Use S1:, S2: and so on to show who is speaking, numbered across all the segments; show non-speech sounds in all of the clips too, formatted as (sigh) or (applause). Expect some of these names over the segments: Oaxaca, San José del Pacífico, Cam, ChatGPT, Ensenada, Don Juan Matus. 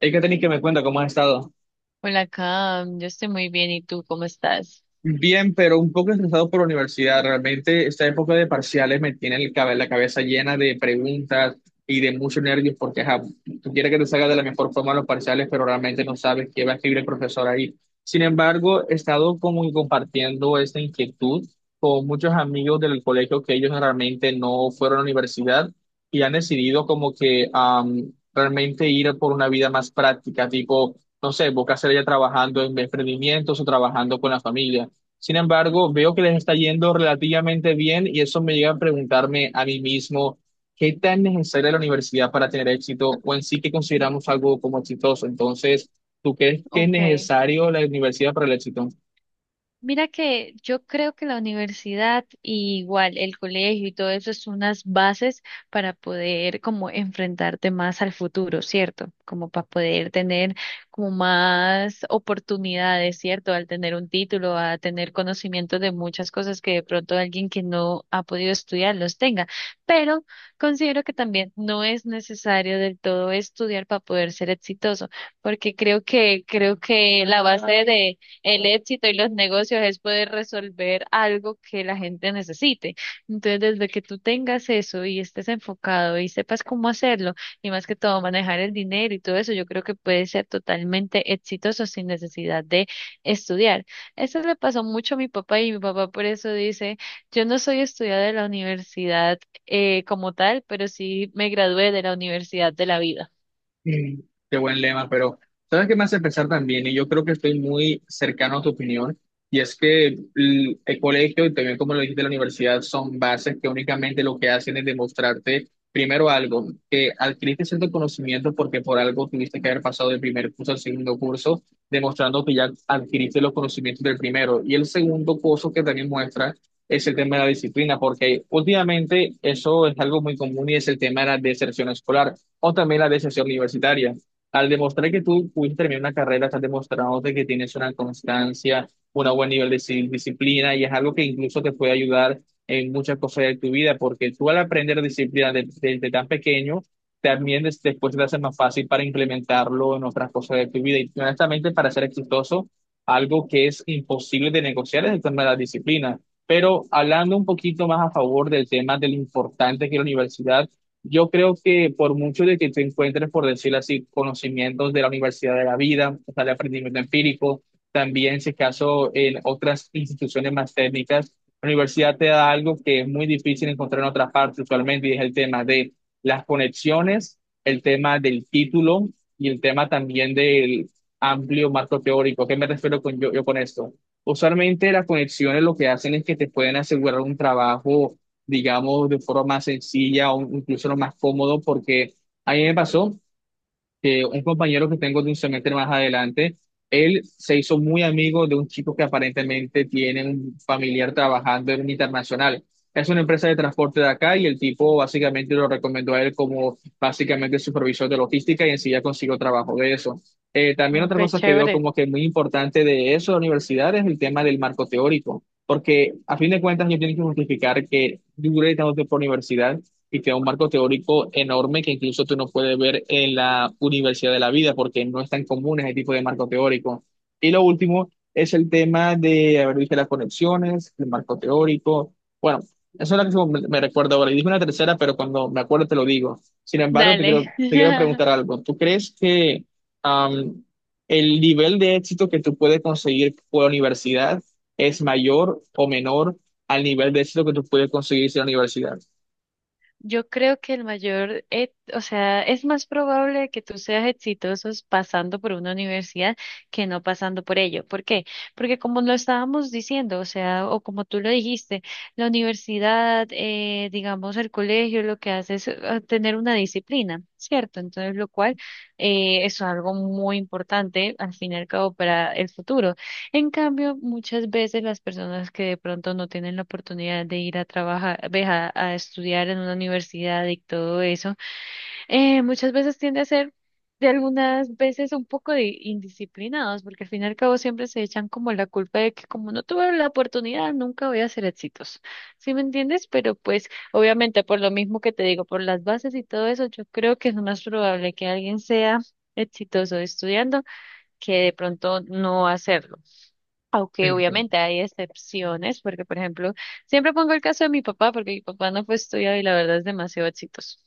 S1: Hay que tener que me cuenta cómo has estado.
S2: Hola, Cam, yo estoy muy bien, ¿y tú cómo estás?
S1: Bien, pero un poco estresado por la universidad. Realmente esta época de parciales me tiene el la cabeza llena de preguntas y de muchos nervios porque ajá, tú quieres que te salga de la mejor forma los parciales, pero realmente no sabes qué va a escribir el profesor ahí. Sin embargo, he estado como compartiendo esta inquietud con muchos amigos del colegio que ellos realmente no fueron a la universidad y han decidido como que realmente ir por una vida más práctica, tipo no sé, busca hacer ya trabajando en emprendimientos o trabajando con la familia. Sin embargo, veo que les está yendo relativamente bien y eso me llega a preguntarme a mí mismo, ¿qué tan necesaria es la universidad para tener éxito o en sí que consideramos algo como exitoso? Entonces, ¿tú crees que es
S2: Ok.
S1: necesario la universidad para el éxito?
S2: Mira que yo creo que la universidad y igual el colegio y todo eso es unas bases para poder como enfrentarte más al futuro, ¿cierto? Como para poder tener como más oportunidades, ¿cierto? Al tener un título, a tener conocimiento de muchas cosas que de pronto alguien que no ha podido estudiar los tenga. Pero considero que también no es necesario del todo estudiar para poder ser exitoso, porque creo que la base de el éxito y los negocios es poder resolver algo que la gente necesite. Entonces, desde que tú tengas eso y estés enfocado y sepas cómo hacerlo, y más que todo manejar el dinero y todo eso, yo creo que puedes ser totalmente exitoso sin necesidad de estudiar. Eso le pasó mucho a mi papá y mi papá por eso dice, yo no soy estudiada de la universidad como tal, pero sí me gradué de la universidad de la vida.
S1: Mm. Qué buen lema, pero ¿sabes qué me hace pensar también? Y yo creo que estoy muy cercano a tu opinión, y es que el colegio y también como lo dijiste, la universidad son bases que únicamente lo que hacen es demostrarte primero algo, que adquiriste cierto conocimiento porque por algo tuviste que haber pasado del primer curso al segundo curso, demostrando que ya adquiriste los conocimientos del primero. Y el segundo curso que también muestra es el tema de la disciplina, porque últimamente eso es algo muy común y es el tema de la deserción escolar o también la deserción universitaria. Al demostrar que tú pudiste terminar una carrera, estás demostrándote que tienes una constancia, un buen nivel de disciplina y es algo que incluso te puede ayudar en muchas cosas de tu vida, porque tú al aprender disciplina desde tan pequeño, también después te hace más fácil para implementarlo en otras cosas de tu vida. Y honestamente, para ser exitoso, algo que es imposible de negociar es el tema de la disciplina. Pero hablando un poquito más a favor del tema de lo importante que es la universidad, yo creo que por mucho de que tú encuentres, por decirlo así, conocimientos de la Universidad de la Vida, o sea, de aprendimiento empírico, también, si es caso, en otras instituciones más técnicas, la universidad te da algo que es muy difícil encontrar en otras partes usualmente, y es el tema de las conexiones, el tema del título y el tema también del amplio marco teórico. ¿A ¿Qué me refiero yo con esto? Usualmente las conexiones lo que hacen es que te pueden asegurar un trabajo, digamos, de forma más sencilla o incluso lo más cómodo, porque a mí me pasó que un compañero que tengo de un semestre más adelante, él se hizo muy amigo de un chico que aparentemente tiene un familiar trabajando en un internacional. Es una empresa de transporte de acá y el tipo básicamente lo recomendó a él como básicamente supervisor de logística y enseguida consiguió trabajo de eso. También
S2: Mm.
S1: otra
S2: Qué
S1: cosa que veo
S2: chévere.
S1: como que muy importante de eso, de la universidad, es el tema del marco teórico, porque a fin de cuentas yo tengo que justificar que duré tanto tiempo en la universidad y te da un marco teórico enorme que incluso tú no puedes ver en la universidad de la vida porque no es tan común ese tipo de marco teórico. Y lo último es el tema de, haber visto las conexiones, el marco teórico. Bueno, eso es lo que me recuerdo ahora. Y dije una tercera, pero cuando me acuerdo te lo digo. Sin embargo, te
S2: Dale.
S1: quiero, te quiero preguntar
S2: (laughs)
S1: algo. ¿Tú crees que am, el nivel de éxito que tú puedes conseguir por la universidad es mayor o menor al nivel de éxito que tú puedes conseguir sin la universidad?
S2: Yo creo que el mayor, o sea, es más probable que tú seas exitoso pasando por una universidad que no pasando por ello. ¿Por qué? Porque como lo estábamos diciendo, o sea, o como tú lo dijiste, la universidad, digamos, el colegio, lo que hace es tener una disciplina, ¿cierto? Entonces, lo cual es algo muy importante al fin y al cabo para el futuro. En cambio, muchas veces las personas que de pronto no tienen la oportunidad de ir a trabajar, ve, a estudiar en una universidad y todo eso, muchas veces tiende a ser de algunas veces un poco de indisciplinados, porque al fin y al cabo siempre se echan como la culpa de que como no tuve la oportunidad, nunca voy a ser exitoso. ¿Sí me entiendes? Pero pues obviamente por lo mismo que te digo, por las bases y todo eso, yo creo que es más probable que alguien sea exitoso estudiando que de pronto no hacerlo. Aunque obviamente hay excepciones, porque por ejemplo, siempre pongo el caso de mi papá, porque mi papá no fue estudiado y la verdad es demasiado exitoso.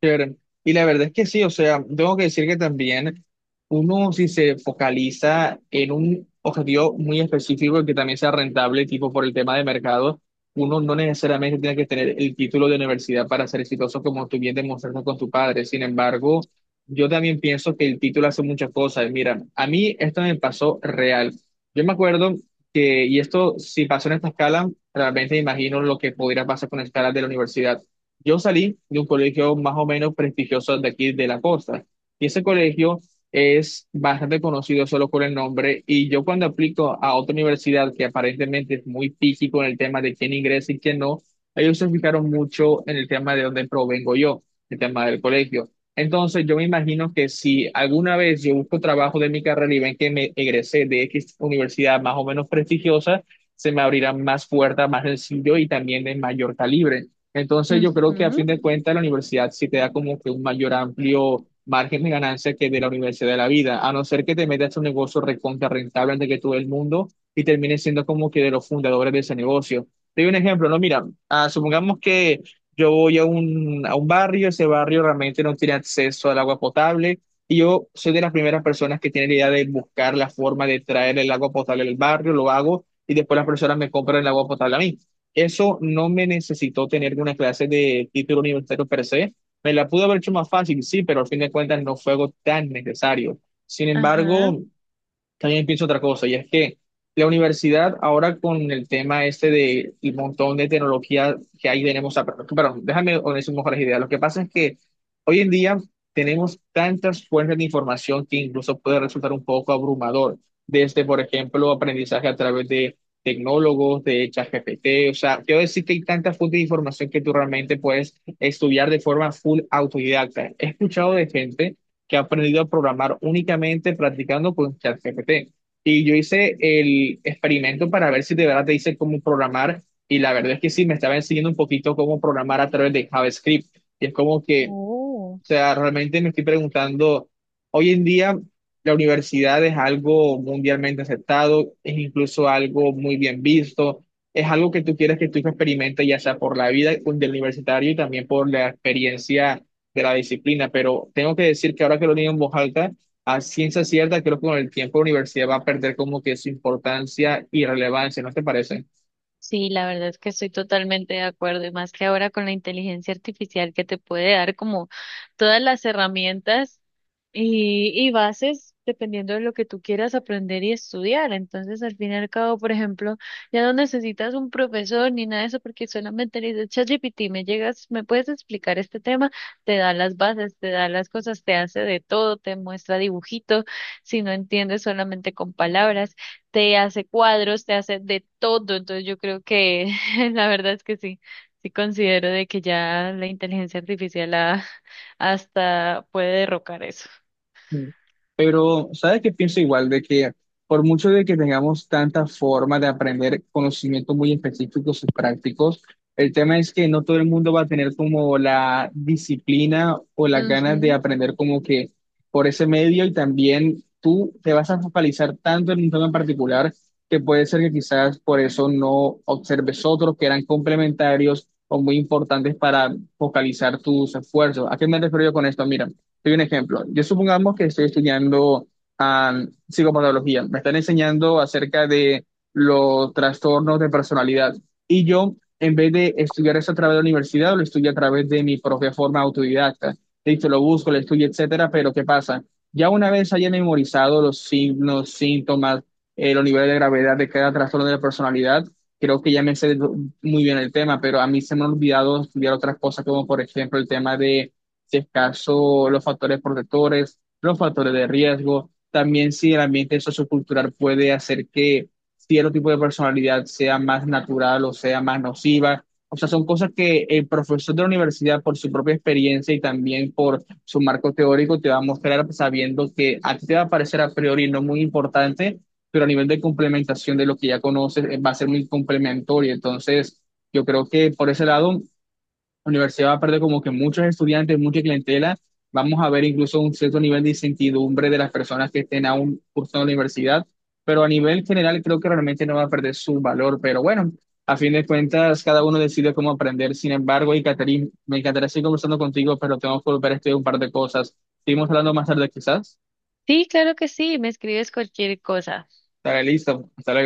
S1: Chévere. Y la verdad es que sí, o sea, tengo que decir que también uno si se focaliza en un objetivo muy específico y que también sea rentable, tipo por el tema de mercado, uno no necesariamente tiene que tener el título de universidad para ser exitoso, como tú bien demostraste con tu padre. Sin embargo, yo también pienso que el título hace muchas cosas. Mira, a mí esto me pasó real. Yo me acuerdo que, y esto si pasó en esta escala, realmente imagino lo que pudiera pasar con escalas de la universidad. Yo salí de un colegio más o menos prestigioso de aquí de la costa y ese colegio es bastante conocido solo por el nombre y yo cuando aplico a otra universidad que aparentemente es muy físico en el tema de quién ingresa y quién no, ellos se fijaron mucho en el tema de dónde provengo yo, el tema del colegio. Entonces yo me imagino que si alguna vez yo busco trabajo de mi carrera y ven que me egresé de X universidad más o menos prestigiosa, se me abrirán más puertas, más sencillo y también de mayor calibre. Entonces yo creo que a
S2: Ujú.
S1: fin de cuentas la universidad sí te da como que un mayor amplio margen de ganancia que de la universidad de la vida, a no ser que te metas en un negocio recontra rentable antes que todo el mundo y termines siendo como que de los fundadores de ese negocio. Te doy un ejemplo, no, mira, supongamos que yo voy a a un barrio, ese barrio realmente no tiene acceso al agua potable y yo soy de las primeras personas que tiene la idea de buscar la forma de traer el agua potable al barrio, lo hago y después las personas me compran el agua potable a mí. Eso no me necesitó tener una clase de título universitario per se. Me la pude haber hecho más fácil, sí, pero al fin de cuentas no fue algo tan necesario. Sin
S2: Ajá.
S1: embargo, también pienso otra cosa, y es que la universidad ahora con el tema este de el montón de tecnología que ahí tenemos, perdón, déjame decir mejores ideas. Lo que pasa es que hoy en día tenemos tantas fuentes de información que incluso puede resultar un poco abrumador, desde, por ejemplo, aprendizaje a través de tecnólogos, de ChatGPT, o sea, quiero decir que hay tantas fuentes de información que tú realmente puedes estudiar de forma full autodidacta. He escuchado de gente que ha aprendido a programar únicamente practicando con ChatGPT. Y yo hice el experimento para ver si de verdad te dice cómo programar, y la verdad es que sí, me estaba enseñando un poquito cómo programar a través de JavaScript. Y es como que
S2: Oh.
S1: sea, realmente me estoy preguntando, hoy en día la universidad es algo mundialmente aceptado, es incluso algo muy bien visto, es algo que tú quieres que tu hijo experimente, ya sea por la vida del universitario y también por la experiencia de la disciplina. Pero tengo que decir que ahora que lo leo en voz alta, a ciencia cierta, creo que con el tiempo la universidad va a perder como que su importancia y relevancia, ¿no te parece?
S2: Sí, la verdad es que estoy totalmente de acuerdo y más que ahora con la inteligencia artificial que te puede dar como todas las herramientas y bases dependiendo de lo que tú quieras aprender y estudiar. Entonces, al fin y al cabo, por ejemplo, ya no necesitas un profesor ni nada de eso porque solamente le dices, ChatGPT, me llegas, me puedes explicar este tema, te da las bases, te da las cosas, te hace de todo, te muestra dibujitos, si no entiendes solamente con palabras te hace cuadros, te hace de todo. Entonces yo creo que (laughs) la verdad es que sí, sí considero de que ya la inteligencia artificial (laughs) hasta puede derrocar eso.
S1: Mm. Pero, ¿sabes qué pienso igual? De que por mucho de que tengamos tanta forma de aprender conocimientos muy específicos y prácticos, el tema es que no todo el mundo va a tener como la disciplina o las ganas de
S2: Ujú.
S1: aprender como que por ese medio y también tú te vas a focalizar tanto en un tema en particular que puede ser que quizás por eso no observes otros que eran complementarios o muy importantes para focalizar tus esfuerzos. ¿A qué me refiero yo con esto? Mira. Soy un ejemplo. Yo supongamos que estoy estudiando psicopatología, me están enseñando acerca de los trastornos de personalidad. Y yo, en vez de estudiar eso a través de la universidad, lo estudio a través de mi propia forma autodidacta. Listo, lo busco, lo estudio, etcétera, pero ¿qué pasa? Ya una vez haya memorizado los signos, síntomas, los niveles de gravedad de cada trastorno de la personalidad, creo que ya me sé muy bien el tema, pero a mí se me ha olvidado estudiar otras cosas, como por ejemplo el tema de, si es caso, los factores protectores, los factores de riesgo, también si el ambiente sociocultural puede hacer que cierto tipo de personalidad sea más natural o sea más nociva. O sea, son cosas que el profesor de la universidad, por su propia experiencia y también por su marco teórico, te va a mostrar sabiendo que a ti te va a parecer a priori no muy importante, pero a nivel de complementación de lo que ya conoces, va a ser muy complementario. Entonces, yo creo que por ese lado la universidad va a perder como que muchos estudiantes, mucha clientela. Vamos a ver incluso un cierto nivel de incertidumbre de las personas que estén aún cursando la universidad, pero a nivel general creo que realmente no va a perder su valor. Pero bueno, a fin de cuentas, cada uno decide cómo aprender. Sin embargo, y Catherine, me encantaría seguir conversando contigo, pero tengo que volver a estudiar un par de cosas. Seguimos hablando más tarde quizás.
S2: Sí, claro que sí, me escribes cualquier cosa.
S1: Estaré listo. Hasta luego.